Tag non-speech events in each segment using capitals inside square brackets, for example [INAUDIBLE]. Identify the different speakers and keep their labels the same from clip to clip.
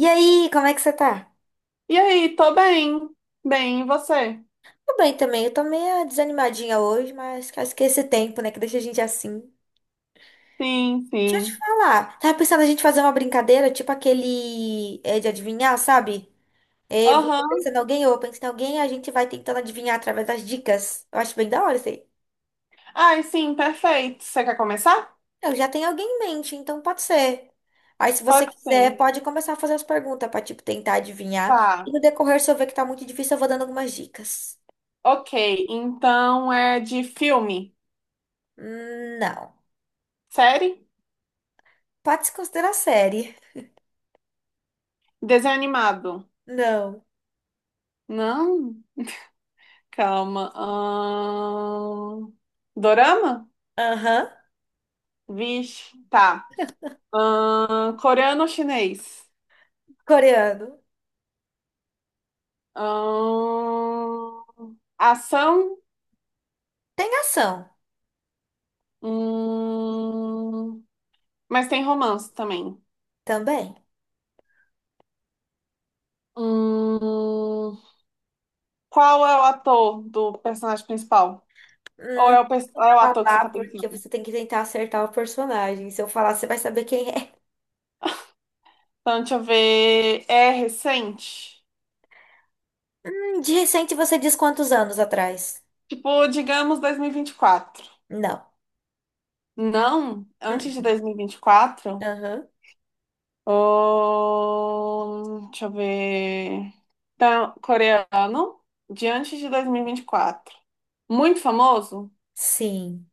Speaker 1: E aí, como é que você tá?
Speaker 2: E aí, tô bem. Bem, e você?
Speaker 1: Tô bem também. Eu tô meio desanimadinha hoje, mas acho que é esse tempo, né, que deixa a gente assim.
Speaker 2: Sim,
Speaker 1: Deixa eu te
Speaker 2: sim.
Speaker 1: falar. Tava pensando a gente fazer uma brincadeira, tipo aquele de adivinhar, sabe? É, você
Speaker 2: Aham.
Speaker 1: pensa em alguém, ou eu penso em alguém, a gente vai tentando adivinhar através das dicas. Eu acho bem da hora isso aí.
Speaker 2: Ai, sim, perfeito. Você quer começar?
Speaker 1: Eu já tenho alguém em mente, então pode ser. Aí, se você
Speaker 2: Pode
Speaker 1: quiser,
Speaker 2: ser.
Speaker 1: pode começar a fazer as perguntas pra, tipo, tentar adivinhar.
Speaker 2: Tá.
Speaker 1: E no decorrer, se eu ver que tá muito difícil, eu vou dando algumas dicas.
Speaker 2: Ok, então é de filme,
Speaker 1: Não.
Speaker 2: série,
Speaker 1: Pode se considerar série.
Speaker 2: desenho animado.
Speaker 1: Não.
Speaker 2: Não? Calma. Dorama?
Speaker 1: Aham.
Speaker 2: Vixe, tá. Coreano ou chinês?
Speaker 1: Coreano.
Speaker 2: Ahn, Ação?
Speaker 1: Tem ação
Speaker 2: Hum, Mas tem romance também.
Speaker 1: também.
Speaker 2: Hum, qual é o ator do personagem principal? Ou
Speaker 1: Não
Speaker 2: é o, é o
Speaker 1: vou
Speaker 2: ator que você
Speaker 1: falar
Speaker 2: tá
Speaker 1: porque
Speaker 2: pensando?
Speaker 1: você tem que tentar acertar o personagem. Se eu falar, você vai saber quem é.
Speaker 2: Então, deixa eu ver. É recente?
Speaker 1: De recente você diz quantos anos atrás?
Speaker 2: Tipo, digamos dois mil e vinte e quatro.
Speaker 1: Não.
Speaker 2: Não,
Speaker 1: Hum.
Speaker 2: antes de 2024.
Speaker 1: Aham.
Speaker 2: Deixa eu ver. Então, coreano, de antes de dois mil e vinte e quatro. Muito famoso?
Speaker 1: Sim.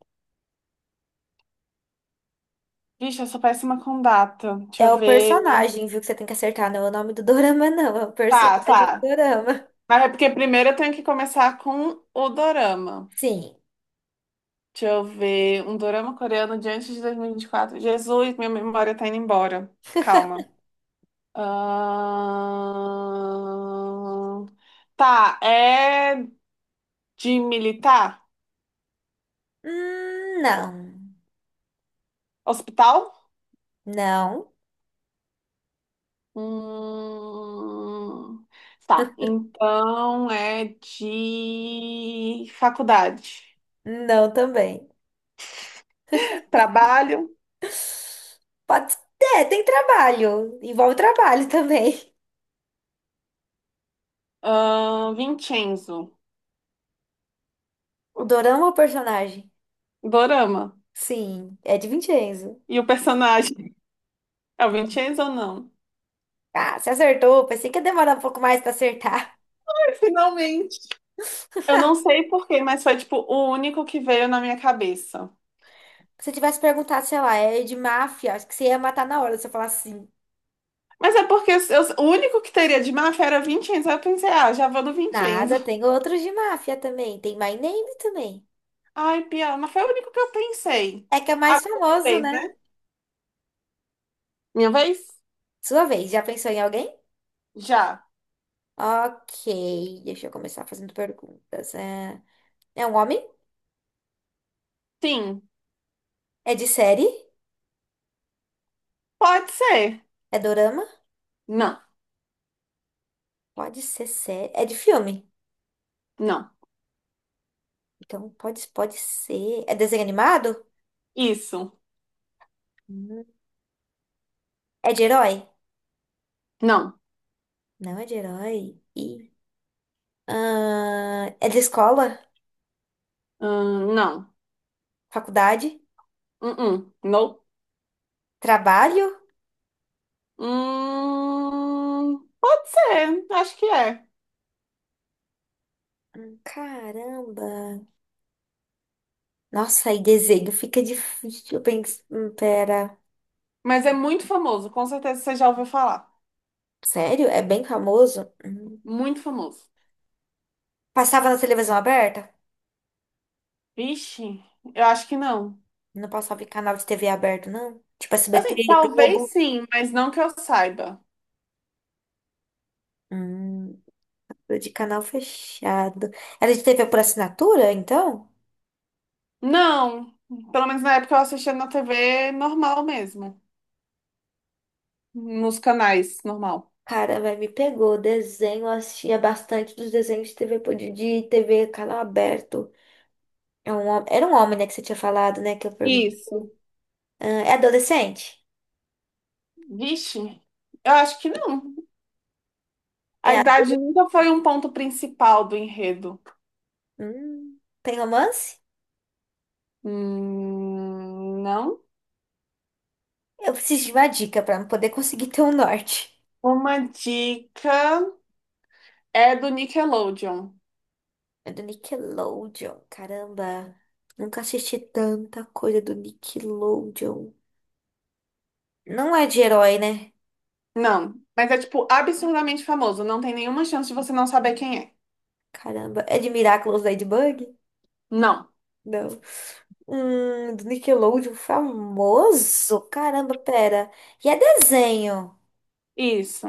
Speaker 2: Vixe, eu sou péssima com data. Deixa
Speaker 1: É
Speaker 2: eu
Speaker 1: o
Speaker 2: ver.
Speaker 1: personagem, viu, que você tem que acertar. Não é o nome do dorama, não. É o
Speaker 2: Tá,
Speaker 1: personagem do
Speaker 2: tá.
Speaker 1: dorama.
Speaker 2: Mas é porque primeiro eu tenho que começar com o dorama.
Speaker 1: Sim.
Speaker 2: Deixa eu ver. Um dorama coreano de antes de 2024. Jesus, minha memória tá indo embora. Calma. Ahn, Tá, é de militar?
Speaker 1: Não.
Speaker 2: Hospital?
Speaker 1: Não.
Speaker 2: Hum... Tá, então é de faculdade.
Speaker 1: Não também.
Speaker 2: [LAUGHS] Trabalho?
Speaker 1: Pode... É, tem trabalho. Envolve trabalho também.
Speaker 2: Vincenzo.
Speaker 1: O Dorama é o personagem?
Speaker 2: Dorama.
Speaker 1: Sim, é de Vincenzo.
Speaker 2: E o personagem? É o Vincenzo ou não?
Speaker 1: Ah, você acertou. Pensei que ia demorar um pouco mais pra acertar.
Speaker 2: [LAUGHS] Finalmente. Eu não sei porquê, mas foi tipo o único que veio na minha cabeça.
Speaker 1: [LAUGHS] Se eu tivesse perguntado, sei lá, é de máfia, acho que você ia matar na hora se eu falasse sim.
Speaker 2: Mas é porque o único que teria de máfia era Vincenzo. Aí eu pensei, ah, já vou no
Speaker 1: Nada,
Speaker 2: Vincenzo.
Speaker 1: tem outros de máfia também. Tem My Name também.
Speaker 2: Ai, piada, mas foi o único que eu pensei.
Speaker 1: É que é mais
Speaker 2: Agora é
Speaker 1: famoso,
Speaker 2: minha vez,
Speaker 1: né?
Speaker 2: né? Minha vez?
Speaker 1: Sua vez, já pensou em alguém?
Speaker 2: Já.
Speaker 1: Ok, deixa eu começar fazendo perguntas. É, é um homem?
Speaker 2: Sim.
Speaker 1: É de série?
Speaker 2: Pode ser.
Speaker 1: É dorama?
Speaker 2: Não.
Speaker 1: Pode ser série. É de filme?
Speaker 2: Não.
Speaker 1: Então pode ser. É desenho animado?
Speaker 2: Isso.
Speaker 1: Hum. É de herói?
Speaker 2: Não.
Speaker 1: Não é de herói? E ah, é de escola?
Speaker 2: Não.
Speaker 1: Faculdade?
Speaker 2: Uh-uh. Não.
Speaker 1: Trabalho?
Speaker 2: Pode ser. Acho que é.
Speaker 1: Caramba! Nossa, aí desenho fica difícil. Bem... pera.
Speaker 2: Mas é muito famoso. Com certeza você já ouviu falar.
Speaker 1: Sério? É bem famoso? Hum.
Speaker 2: Muito famoso.
Speaker 1: Passava na televisão aberta?
Speaker 2: Vixe, eu acho que não.
Speaker 1: Não passava em canal de TV aberto, não? Tipo SBT,
Speaker 2: Assim, talvez
Speaker 1: Globo?
Speaker 2: sim, mas não que eu saiba.
Speaker 1: Hum, de canal fechado. Era de TV por assinatura, então?
Speaker 2: Não, pelo menos na época eu assistia na TV normal mesmo, nos canais normal.
Speaker 1: Cara, vai me pegou. Desenho, eu assistia bastante dos desenhos de TV, de TV, canal aberto. É um, era um homem, né, que você tinha falado, né?
Speaker 2: Isso.
Speaker 1: Ah, é adolescente?
Speaker 2: Vixe, eu acho que não.
Speaker 1: É
Speaker 2: A
Speaker 1: adulto?
Speaker 2: idade nunca foi um ponto principal do enredo.
Speaker 1: Hum, tem romance?
Speaker 2: Não.
Speaker 1: Eu preciso de uma dica pra poder conseguir ter um norte.
Speaker 2: Uma dica é do Nickelodeon.
Speaker 1: É do Nickelodeon. Caramba, nunca assisti tanta coisa do Nickelodeon. Não é de herói, né?
Speaker 2: Não, mas é tipo absurdamente famoso. Não tem nenhuma chance de você não saber quem é.
Speaker 1: Caramba, é de Miraculous Ladybug?
Speaker 2: Não.
Speaker 1: Não. Do Nickelodeon famoso? Caramba, pera. E é desenho?
Speaker 2: Isso.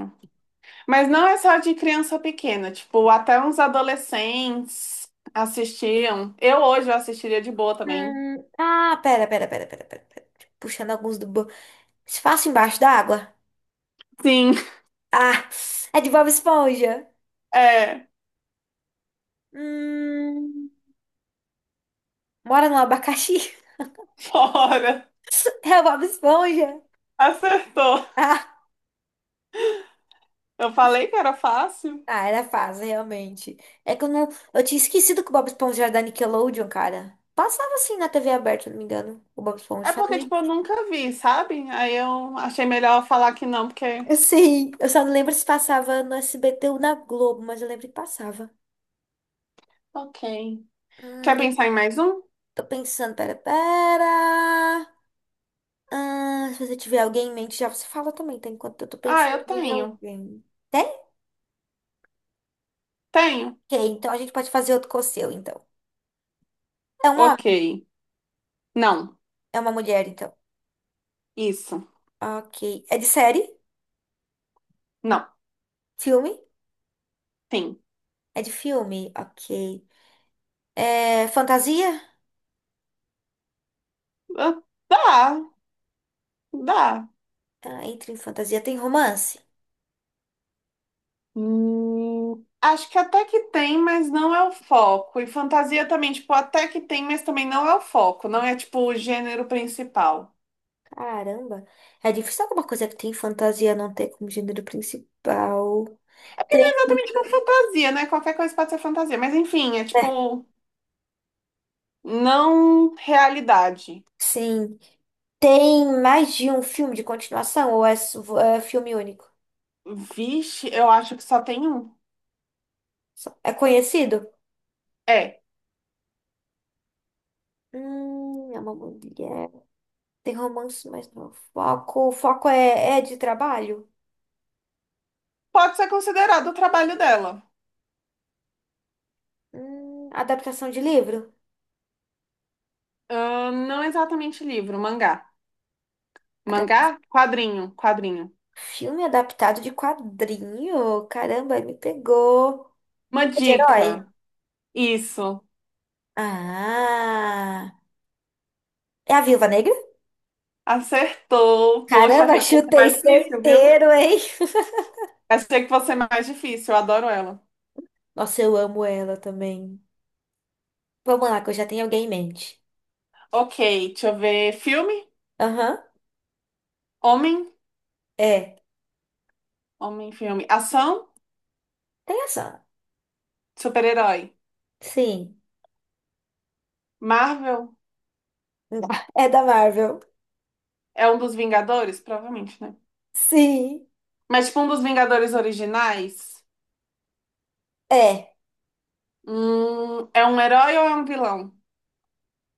Speaker 2: Mas não é só de criança pequena, tipo, até uns adolescentes assistiam. Eu hoje eu assistiria de boa também.
Speaker 1: Ah, pera. Puxando alguns do espaço embaixo da água.
Speaker 2: Sim,
Speaker 1: Ah, é de Bob Esponja.
Speaker 2: é,
Speaker 1: Hum, mora no abacaxi?
Speaker 2: [LAUGHS] fora.
Speaker 1: [LAUGHS] É o Bob Esponja.
Speaker 2: Acertou.
Speaker 1: Ah,
Speaker 2: Eu falei que era fácil.
Speaker 1: ah, era fácil, realmente. É que eu não. Eu tinha esquecido que o Bob Esponja era da Nickelodeon, cara. Passava assim na TV aberta, se não me engano. O Bob Esponja.
Speaker 2: É
Speaker 1: Só não
Speaker 2: porque,
Speaker 1: lembro.
Speaker 2: tipo, eu nunca vi, sabe? Aí eu achei melhor falar que não, porque.
Speaker 1: Eu sei. Eu só não lembro se passava no SBT ou na Globo, mas eu lembro que passava.
Speaker 2: Ok. Quer
Speaker 1: Deixa
Speaker 2: pensar
Speaker 1: eu-
Speaker 2: em mais um?
Speaker 1: tô pensando, pera. Ah, se você tiver alguém em mente, já você fala também, tá? Enquanto eu tô
Speaker 2: Ah,
Speaker 1: pensando
Speaker 2: eu
Speaker 1: em
Speaker 2: tenho.
Speaker 1: alguém. Tem?
Speaker 2: Tenho.
Speaker 1: Ok, então a gente pode fazer outro com o seu, então. É um
Speaker 2: Ok.
Speaker 1: homem?
Speaker 2: Não.
Speaker 1: É uma mulher, então.
Speaker 2: Isso.
Speaker 1: Ok. É de série?
Speaker 2: Não.
Speaker 1: Filme?
Speaker 2: Tem.
Speaker 1: É de filme? Ok. É fantasia?
Speaker 2: Ah, dá. Dá.
Speaker 1: Ah, entra em fantasia. Tem romance?
Speaker 2: Acho que até que tem, mas não é o foco. E fantasia também, tipo, até que tem, mas também não é o foco. Não é, tipo, o gênero principal.
Speaker 1: Caramba. É difícil alguma coisa que tem fantasia não ter como gênero principal.
Speaker 2: É
Speaker 1: Tem.
Speaker 2: exatamente uma fantasia, né? Qualquer coisa pode ser fantasia. Mas enfim, é
Speaker 1: É,
Speaker 2: tipo, não realidade.
Speaker 1: sim. Tem mais de um filme de continuação ou é filme único?
Speaker 2: Vixe, eu acho que só tem um.
Speaker 1: É conhecido?
Speaker 2: É,
Speaker 1: É uma mulher. Tem romance, mas não é foco. O foco é, é de trabalho?
Speaker 2: pode ser considerado o trabalho dela.
Speaker 1: Adaptação de livro?
Speaker 2: Ah, não exatamente livro, mangá.
Speaker 1: Adap-
Speaker 2: Mangá? Quadrinho, quadrinho.
Speaker 1: Filme adaptado de quadrinho? Caramba, aí me pegou.
Speaker 2: Uma
Speaker 1: É de herói?
Speaker 2: dica. Isso.
Speaker 1: Ah, é a Viúva Negra?
Speaker 2: Acertou. Poxa,
Speaker 1: Caramba, [LAUGHS]
Speaker 2: achei que fosse
Speaker 1: chutei
Speaker 2: mais difícil, viu?
Speaker 1: certeiro, hein?
Speaker 2: Achei que fosse mais difícil, eu adoro ela.
Speaker 1: [LAUGHS] Nossa, eu amo ela também. Vamos lá, que eu já tenho alguém em mente.
Speaker 2: Ok, deixa eu ver. Filme?
Speaker 1: Aham,
Speaker 2: Homem?
Speaker 1: é.
Speaker 2: Homem, filme. Ação?
Speaker 1: Tem ação.
Speaker 2: Super-herói.
Speaker 1: Sim.
Speaker 2: Marvel?
Speaker 1: [LAUGHS] É da Marvel.
Speaker 2: É um dos Vingadores? Provavelmente, né?
Speaker 1: Sim.
Speaker 2: Mas, tipo, um dos Vingadores originais?
Speaker 1: É. É
Speaker 2: É um herói ou é um vilão?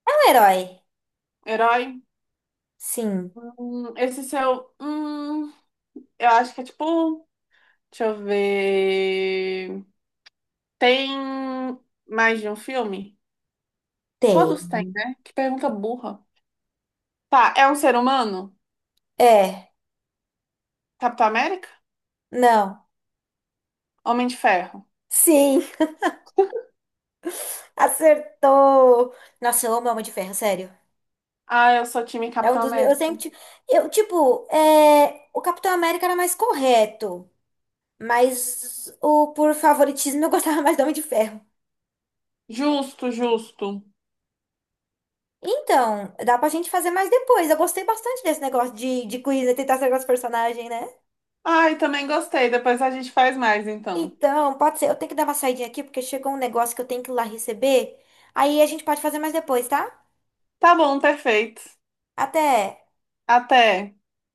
Speaker 1: um herói.
Speaker 2: Herói?
Speaker 1: Sim.
Speaker 2: Esse seu. Eu acho que é tipo. Deixa eu ver. Tem mais de um filme?
Speaker 1: Tem.
Speaker 2: Todos têm, né? Que pergunta burra. Tá, é um ser humano?
Speaker 1: É.
Speaker 2: Capitão América?
Speaker 1: Não.
Speaker 2: Homem de Ferro.
Speaker 1: Sim. [LAUGHS] Acertou! Nossa, eu amo Homem de Ferro, sério.
Speaker 2: Ah, eu sou time
Speaker 1: É um
Speaker 2: Capitão
Speaker 1: dos meus.
Speaker 2: América.
Speaker 1: Eu, tipo, é... o Capitão América era mais correto. Mas o por favoritismo eu [LAUGHS] gostava mais do Homem de Ferro.
Speaker 2: Justo, justo.
Speaker 1: Então, dá pra gente fazer mais depois. Eu gostei bastante desse negócio de quiz, né? Tentar acertar os personagens, né?
Speaker 2: Ai, também gostei. Depois a gente faz mais, então.
Speaker 1: Então, pode ser. Eu tenho que dar uma saidinha aqui, porque chegou um negócio que eu tenho que ir lá receber. Aí a gente pode fazer mais depois, tá?
Speaker 2: Tá bom, perfeito.
Speaker 1: Até!
Speaker 2: Até.